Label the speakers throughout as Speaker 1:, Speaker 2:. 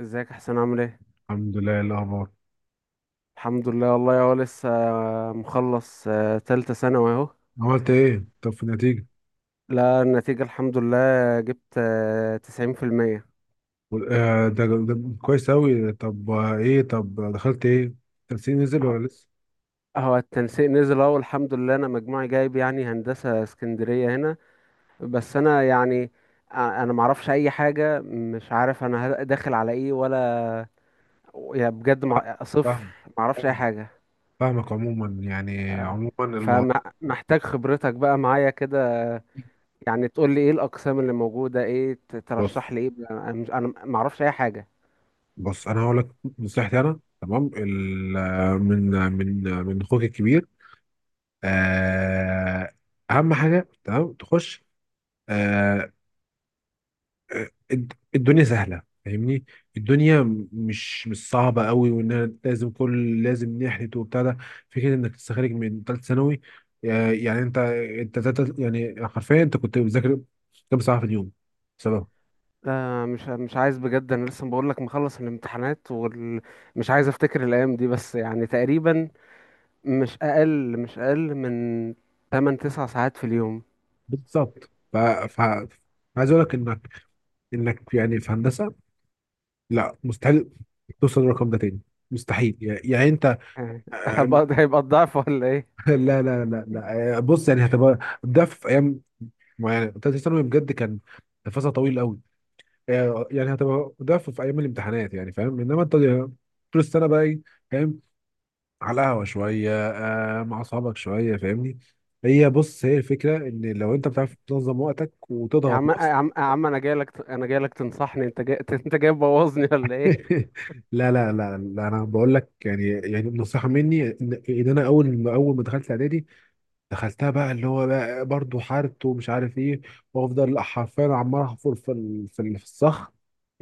Speaker 1: ازيك يا حسين، عامل ايه؟
Speaker 2: الحمد لله. إيه الاخبار؟
Speaker 1: الحمد لله. والله هو لسه مخلص، تالتة ثانوي اهو.
Speaker 2: عملت ايه طب في النتيجه؟
Speaker 1: لا، النتيجة الحمد لله. جبت 90%.
Speaker 2: وال- آه ده, ده كويس اوي. طب ايه؟ طب دخلت ايه؟ التنسيق نزل ولا لسه؟
Speaker 1: هو التنسيق نزل اهو، الحمد لله. انا مجموعي جايب يعني هندسة اسكندرية هنا. بس انا يعني انا معرفش اي حاجة. مش عارف انا داخل على ايه، ولا يعني بجد
Speaker 2: فاهم.
Speaker 1: صفر.
Speaker 2: فاهم.
Speaker 1: معرفش اي
Speaker 2: فاهم-
Speaker 1: حاجة.
Speaker 2: فاهمك. عموما يعني عموما الموضوع
Speaker 1: فمحتاج خبرتك بقى معايا كده، يعني تقول لي ايه الاقسام اللي موجوده، ايه
Speaker 2: بص
Speaker 1: ترشح لي. ايه، انا ما اعرفش اي حاجه.
Speaker 2: بص، انا هقول لك نصيحتي. انا تمام من من اخوك الكبير. آه، اهم حاجه تمام تخش. آه، الدنيا سهلة، فاهمني؟ الدنيا مش مش صعبة قوي، وان أنا لازم كل لازم نحلت وبتاع ده. فكرة انك تستخرج من ثالث ثانوي، يعني انت يعني حرفيا انت كنت بتذاكر كام ساعة في اليوم؟ بسبب
Speaker 1: لا، مش عايز بجد. انا لسه بقول لك، مخلص الامتحانات ومش عايز افتكر الايام دي. بس يعني تقريبا مش اقل من 8 9 ساعات في اليوم.
Speaker 2: بالظبط عايز اقول لك انك يعني في هندسة لا، مستحيل توصل للرقم ده تاني، مستحيل. يعني يعني انت
Speaker 1: يعني
Speaker 2: آه،
Speaker 1: هيبقى الضعف ولا ايه؟
Speaker 2: لا، بص يعني هتبقى ده في ايام معينة. ثالث ثانوي بجد كان فصل طويل قوي. يعني هتبقى ده في في ايام الامتحانات، يعني فاهم؟ انما انت طول السنه بقى ايه، فاهم؟ على القهوه شويه، آه، مع اصحابك شويه، فاهمني؟ هي بص هي الفكره ان لو انت بتعرف تنظم وقتك
Speaker 1: يا
Speaker 2: وتضغط
Speaker 1: عم يا
Speaker 2: نفسك.
Speaker 1: عم يا عم، انا جاي لك انا جاي لك تنصحني؟ انت جاي انت جاي تبوظني ولا ايه؟
Speaker 2: لا، انا بقول لك يعني يعني نصيحه مني ان انا اول ما دخلت اعدادي دخلتها بقى، اللي هو بقى برضه حارت ومش عارف ايه. وافضل حرفيا عمال احفر في الصخر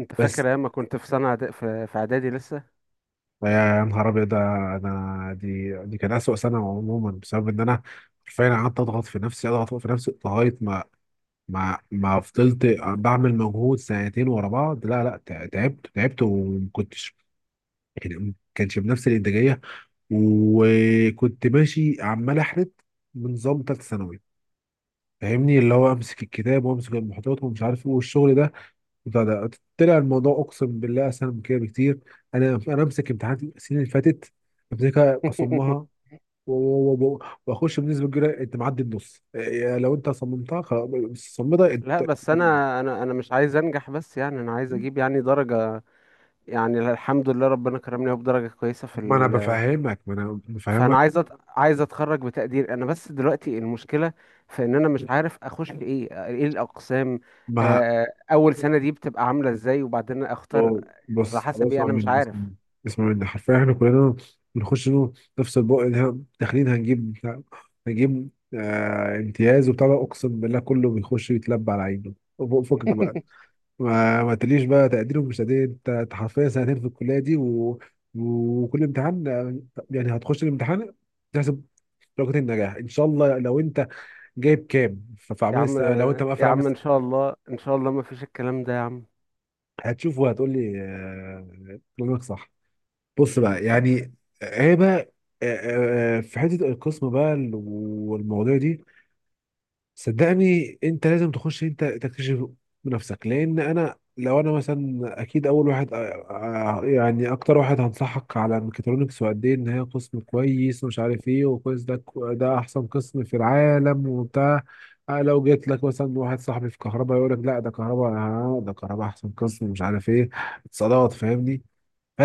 Speaker 1: انت
Speaker 2: بس.
Speaker 1: فاكر ايام ما كنت في سنه في اعدادي لسه؟
Speaker 2: يا نهار ابيض! ده انا دي كان اسوأ سنه عموما، بسبب ان انا حرفيا قعدت اضغط في نفسي، اضغط في نفسي، لغايه ما ما فضلت بعمل مجهود سنتين ورا بعض. لا لا تع- تعبت، تعبت، وما كنتش يعني ما كانش بنفس الانتاجيه. وكنت ماشي عمال احرت بنظام ثالثه ثانوي، فاهمني؟ اللي هو امسك الكتاب وامسك المحتوى ومش عارف ايه والشغل ده. ده طلع الموضوع اقسم بالله اسهل من كده بكتير. انا امسك امتحانات السنين اللي فاتت، امسكها اصمها و- و- و- و- واخش بنسبه كبيره. انت معدي النص، إيه، لو انت صممتها خلاص، بس صممتها،
Speaker 1: لا،
Speaker 2: انت
Speaker 1: بس
Speaker 2: معدي
Speaker 1: انا مش عايز انجح بس، يعني انا عايز
Speaker 2: النص.
Speaker 1: اجيب يعني درجة. يعني الحمد لله ربنا كرمني أهو بدرجة كويسة في
Speaker 2: ما انا
Speaker 1: ال،
Speaker 2: بفهمك، ما انا
Speaker 1: فانا
Speaker 2: بفهمك.
Speaker 1: عايز عايز اتخرج بتقدير. انا بس دلوقتي المشكلة في ان انا مش عارف اخش ايه الاقسام.
Speaker 2: ما
Speaker 1: آه، اول سنة دي بتبقى عاملة ازاي وبعدين اختار على
Speaker 2: بص
Speaker 1: حسب ايه،
Speaker 2: اسمع
Speaker 1: انا مش
Speaker 2: مني اسمع
Speaker 1: عارف.
Speaker 2: مني اسمع مني حرفيا احنا كلنا بنخش له نفس البق. اللي إحنا داخلين هنجيب هنجيب آه امتياز وبتاع ده، اقسم بالله كله بيخش يتلبى على عينه. فكك بقى. ما تقوليش بقى تقدير ومش تقدير. أنت حرفيا سنتين في الكليه دي وكل امتحان آه، يعني هتخش الامتحان، تحسب درجة النجاح ان شاء الله. لو انت جايب كام في
Speaker 1: يا
Speaker 2: اعمال
Speaker 1: عم،
Speaker 2: السنه، لو انت
Speaker 1: يا
Speaker 2: مقفل اعمال
Speaker 1: عم ان
Speaker 2: السنه
Speaker 1: شاء الله، ان شاء الله ما فيش الكلام ده يا عم.
Speaker 2: هتشوف وهتقول لي آه، كلامك صح. بص بقى، يعني هي بقى في حته القسم بقى والمواضيع دي، صدقني انت لازم تخش، انت تكتشف بنفسك. لان انا، لو انا مثلا، اكيد اول واحد يعني اكتر واحد هنصحك على الميكاترونكس وقد ايه ان هي قسم كويس ومش عارف ايه وكويس. ده احسن قسم في العالم وبتاع. أه لو جيت لك مثلا واحد صاحبي في كهرباء، يقول لك لا ده كهرباء، ده كهرباء احسن قسم مش عارف ايه، اتصالات، فاهمني؟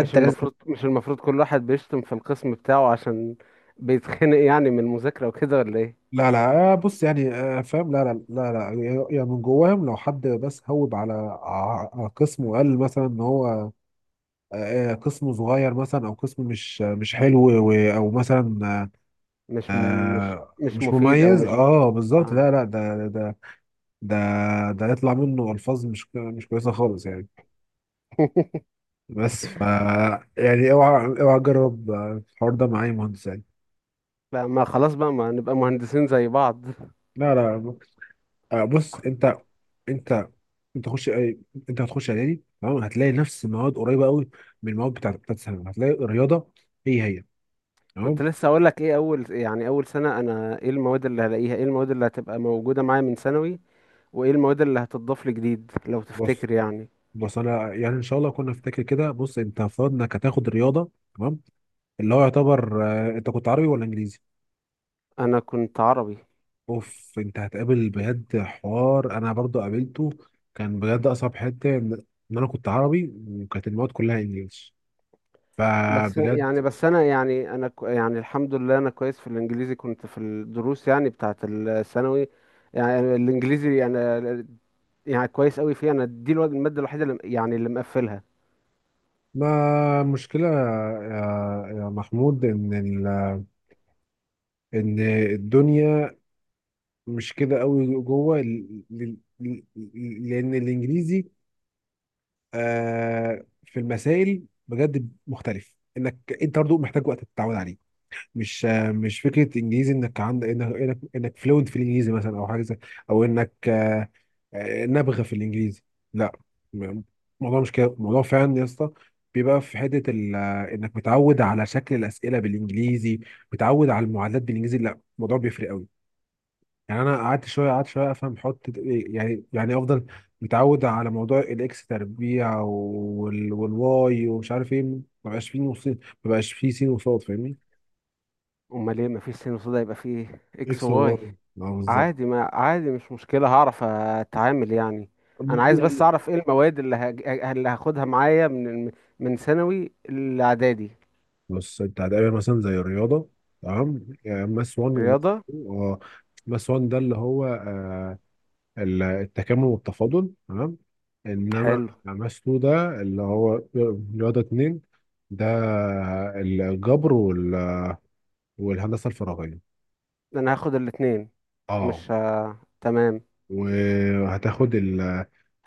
Speaker 1: مش
Speaker 2: لازم.
Speaker 1: المفروض مش المفروض كل واحد بيشتم في القسم بتاعه عشان بيتخنق يعني من المذاكرة وكده ولا ايه؟
Speaker 2: لا، بص يعني آه، فاهم. لا، يعني يعني من جواهم، لو حد بس هوب على قسم وقال مثلا ان هو قسم صغير مثلا، او قسم مش حلو، او مثلا
Speaker 1: مش م... مش مش
Speaker 2: مش
Speaker 1: مفيد، او
Speaker 2: مميز،
Speaker 1: مش
Speaker 2: اه بالظبط.
Speaker 1: آه.
Speaker 2: لا لا ده ده ده يطلع منه الفاظ مش كويسه خالص يعني. بس ف يعني اوعى تجرب آه، الحوار ده مع اي مهندس يعني.
Speaker 1: لا، ما خلاص بقى، ما نبقى مهندسين زي بعض.
Speaker 2: لا، بص انت انت انت انت هتخش اعدادي تمام، هتلاقي نفس المواد قريبه قوي من المواد بتاعت ثانوي. هتلاقي الرياضه هي هي
Speaker 1: كنت
Speaker 2: تمام.
Speaker 1: لسه اقول لك ايه، اول يعني اول سنة انا ايه المواد اللي هلاقيها، ايه المواد اللي هتبقى موجودة معايا من ثانوي، وايه المواد اللي هتضاف لي جديد لو
Speaker 2: بص
Speaker 1: تفتكر يعني.
Speaker 2: بص، انا يعني ان شاء الله كنا نفتكر كده. بص انت افترض انك هتاخد رياضه، تمام؟ اللي هو يعتبر آه، انت كنت عربي ولا انجليزي؟
Speaker 1: انا كنت عربي.
Speaker 2: اوف، انت هتقابل بجد حوار انا برضو قابلته، كان بجد اصعب حته ان انا كنت عربي وكانت المواد كلها انجليش،
Speaker 1: بس
Speaker 2: فبجد.
Speaker 1: يعني بس انا يعني انا كو- يعني الحمد لله انا كويس في الانجليزي، كنت في الدروس يعني بتاعة الثانوي. يعني الانجليزي انا يعني كويس قوي فيه، انا دي المادة الوحيدة اللي مقفلها.
Speaker 2: ما مشكله يا محمود ان ان الدنيا مش كده قوي جوه لان الانجليزي آه في المسائل بجد مختلف، انك انت برضه محتاج وقت تتعود عليه. مش آه مش فكره انجليزي انك عندك إنك فلوينت في الانجليزي مثلا، او حاجه زي، او انك نابغه في الانجليزي، لا. م- الموضوع مش كده، الموضوع فعلا يا اسطى بيبقى في حته انك متعود على شكل الاسئله بالانجليزي، متعود على المعادلات بالانجليزي. لا الموضوع بيفرق قوي. يعني انا قعدت شويه، قعدت شويه افهم حط إيه، يعني يعني افضل متعود على موضوع الاكس تربيع والواي ومش عارف ايه. ما بقاش فيه نصين، ما بقاش فيه سين وصاد، فاهمني؟
Speaker 1: امال ايه؟ مفيش سين وصودا، يبقى فيه اكس
Speaker 2: اكس
Speaker 1: واي.
Speaker 2: وواي، اه بالظبط.
Speaker 1: عادي، ما عادي، مش مشكلة، هعرف اتعامل يعني. انا عايز بس
Speaker 2: يعني
Speaker 1: اعرف ايه المواد اللي هاخدها معايا من ثانوي الاعدادي.
Speaker 2: بص، انت هتقابل مثلا زي الرياضه تمام، يعني ماس 1 وماس
Speaker 1: رياضة.
Speaker 2: 2. اه، ماس 1 ده اللي هو آه، التكامل والتفاضل تمام. انما
Speaker 1: حلو.
Speaker 2: ماس 2 ده اللي هو رياضه 2، ده الجبر والهندسه الفراغيه.
Speaker 1: انا هاخد الاتنين.
Speaker 2: اه،
Speaker 1: مش ه... تمام.
Speaker 2: وهتاخد ال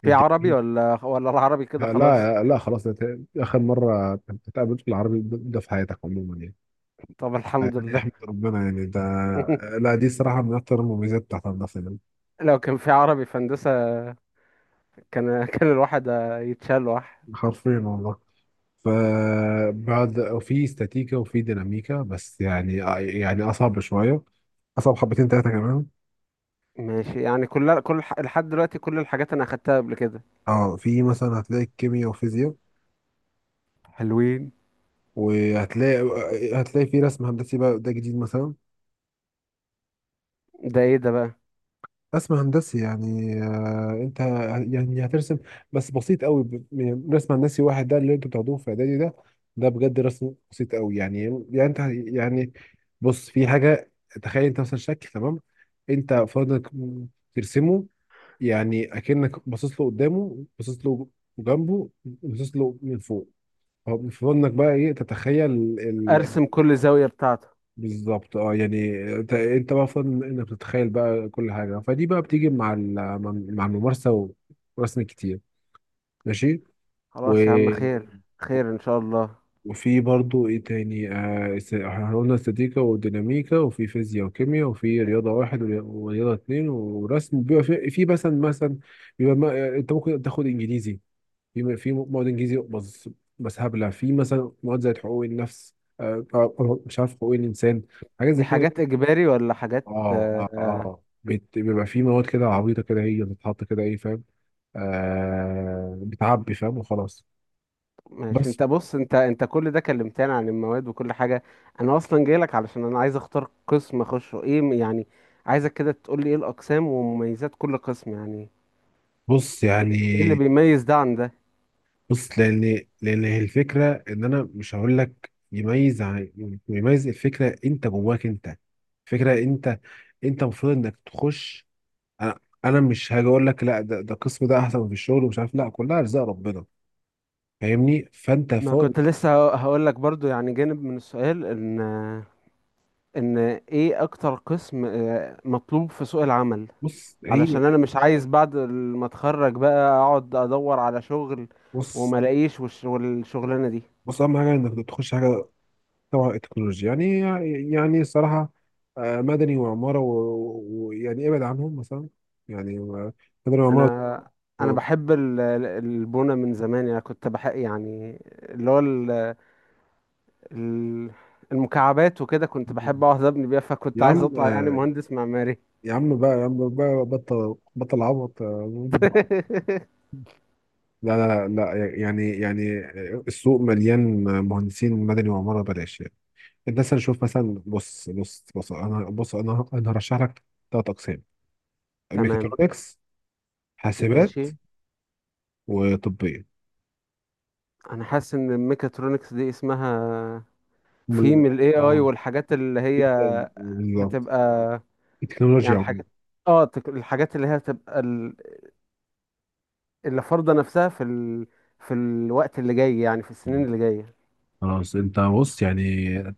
Speaker 1: في عربي
Speaker 2: الدبلوم.
Speaker 1: ولا العربي كده
Speaker 2: لا
Speaker 1: خلاص؟
Speaker 2: لا لا، خلاص، ده اخر مره تتقابل في العربي ده في حياتك عموما يعني.
Speaker 1: طب الحمد
Speaker 2: يعني
Speaker 1: لله.
Speaker 2: احمد ربنا يعني ده. لا دي صراحه من اكتر المميزات بتاعت الهندسه يعني.
Speaker 1: لو كان في عربي في هندسة، كان الواحد يتشال واحد.
Speaker 2: حرفيا والله. فبعد وفي استاتيكا وفي ديناميكا بس يعني، يعني اصعب شويه، اصعب حبتين ثلاثه كمان.
Speaker 1: ماشي، يعني لحد دلوقتي كل الحاجات انا اخدتها قبل كده.
Speaker 2: اه في مثلا هتلاقي كيمياء وفيزياء،
Speaker 1: حلوين.
Speaker 2: وهتلاقي هتلاقي في رسم هندسي بقى، ده جديد مثلا.
Speaker 1: ده ايه ده بقى؟
Speaker 2: رسم هندسي يعني آه، انت يعني هترسم بس بسيط قوي. رسم هندسي واحد ده اللي انتوا بتاخدوه في اعدادي، ده ده بجد رسم بسيط قوي يعني. يعني انت يعني بص، في حاجه، تخيل انت مثلا شكل تمام، انت فاضلك ترسمه. يعني اكنك باصص له قدامه، باصص له جنبه، باصص له من فوق. فاضلك بقى ايه، تتخيل.
Speaker 1: ارسم كل زاوية بتاعته.
Speaker 2: بالظبط، اه. يعني انت انت بقى فاضل انك تتخيل بقى كل حاجه. فدي بقى بتيجي مع مع الممارسه ورسم كتير. ماشي. و...
Speaker 1: خلاص يا عم، خير خير ان شاء الله.
Speaker 2: وفي برضو ايه تاني آه، احنا قلنا استاتيكا وديناميكا وفي فيزياء وكيمياء وفي رياضه واحد ورياضه اتنين ورسم. بيبقى في, في مثلا مثلا بيبقى ما... انت ممكن تاخد انجليزي، في في مواد انجليزي بس. بس هبله، في مثلا مواد زي حقوق النفس مش عارف، حقوق الانسان، حاجات
Speaker 1: دي
Speaker 2: زي كده.
Speaker 1: حاجات اجباري ولا حاجات آه،
Speaker 2: بيبقى في مواد كده
Speaker 1: آه،
Speaker 2: عبيطة كده، هي بتتحط كده ايه فاهم؟ آه بتعبي فاهم وخلاص.
Speaker 1: ماشي.
Speaker 2: بس
Speaker 1: انت بص، انت كل ده كلمتني عن المواد وكل حاجة. انا اصلا جايلك علشان انا عايز اختار قسم اخشه، يعني عايزك كده تقول لي ايه الاقسام ومميزات كل قسم، يعني
Speaker 2: بص يعني،
Speaker 1: ايه اللي بيميز ده عن ده.
Speaker 2: بص لان هي الفكرة ان انا مش هقول لك يميز يميز. الفكرة انت جواك انت. فكرة انت انت المفروض انك تخش. انا مش هاجي اقول لك لا ده القسم ده احسن في الشغل ومش عارف. لا كلها ارزاق ربنا، فاهمني؟ فانت
Speaker 1: ما
Speaker 2: فوق.
Speaker 1: كنت لسه هقول لك برضو يعني جانب من السؤال، ان ايه اكتر قسم مطلوب في سوق العمل،
Speaker 2: بص هي
Speaker 1: علشان انا
Speaker 2: كده.
Speaker 1: مش عايز بعد ما اتخرج بقى اقعد ادور على شغل
Speaker 2: بص
Speaker 1: وما الاقيش، والشغلانه دي.
Speaker 2: بص، اهم حاجه انك تخش حاجه طبعا التكنولوجيا يعني، يعني الصراحة آه، مدني وعمارة ويعني ابعد عنهم مثلا، يعني مدني
Speaker 1: انا
Speaker 2: وعمارة
Speaker 1: اه انا
Speaker 2: آه،
Speaker 1: بحب البونه من زمان. انا كنت بحب يعني اللي هو ال- المكعبات وكده، كنت بحب اقعد ابني بيها، فكنت
Speaker 2: يا
Speaker 1: عايز
Speaker 2: عم
Speaker 1: اطلع يعني
Speaker 2: آه،
Speaker 1: مهندس معماري.
Speaker 2: يا عم بقى، يا عم بقى بطل، بطل عبط. آه، لا لا لا لا، يعني يعني السوق مليان مهندسين مدني وعمارة، بلاش يعني. الناس هنشوف مثلا. بص، انا هرشح لك ثلاث اقسام:
Speaker 1: تمام.
Speaker 2: ميكاترونكس، حاسبات،
Speaker 1: ماشي.
Speaker 2: وطبية.
Speaker 1: انا حاسس ان الميكاترونكس دي اسمها
Speaker 2: هم
Speaker 1: في
Speaker 2: ال-
Speaker 1: من الاي اي
Speaker 2: اه
Speaker 1: والحاجات اللي هي
Speaker 2: جدا،
Speaker 1: هتبقى. يعني
Speaker 2: التكنولوجيا عموما.
Speaker 1: الحاجات اه، الحاجات اللي هي هتبقى، اللي فرضة نفسها في الوقت اللي جاي، يعني في السنين
Speaker 2: مم،
Speaker 1: اللي جاية.
Speaker 2: خلاص. انت بص يعني،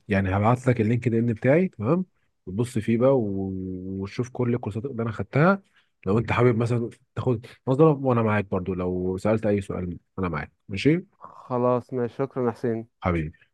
Speaker 2: يعني هبعت لك اللينكد ان بتاعي تمام، وتبص فيه بقى وتشوف كل الكورسات اللي انا خدتها، لو انت حابب مثلا تاخد نظرة. وانا معاك برضو، لو سألت اي سؤال انا معاك. ماشي
Speaker 1: خلاص، ماشي، شكرا يا حسين.
Speaker 2: حبيبي.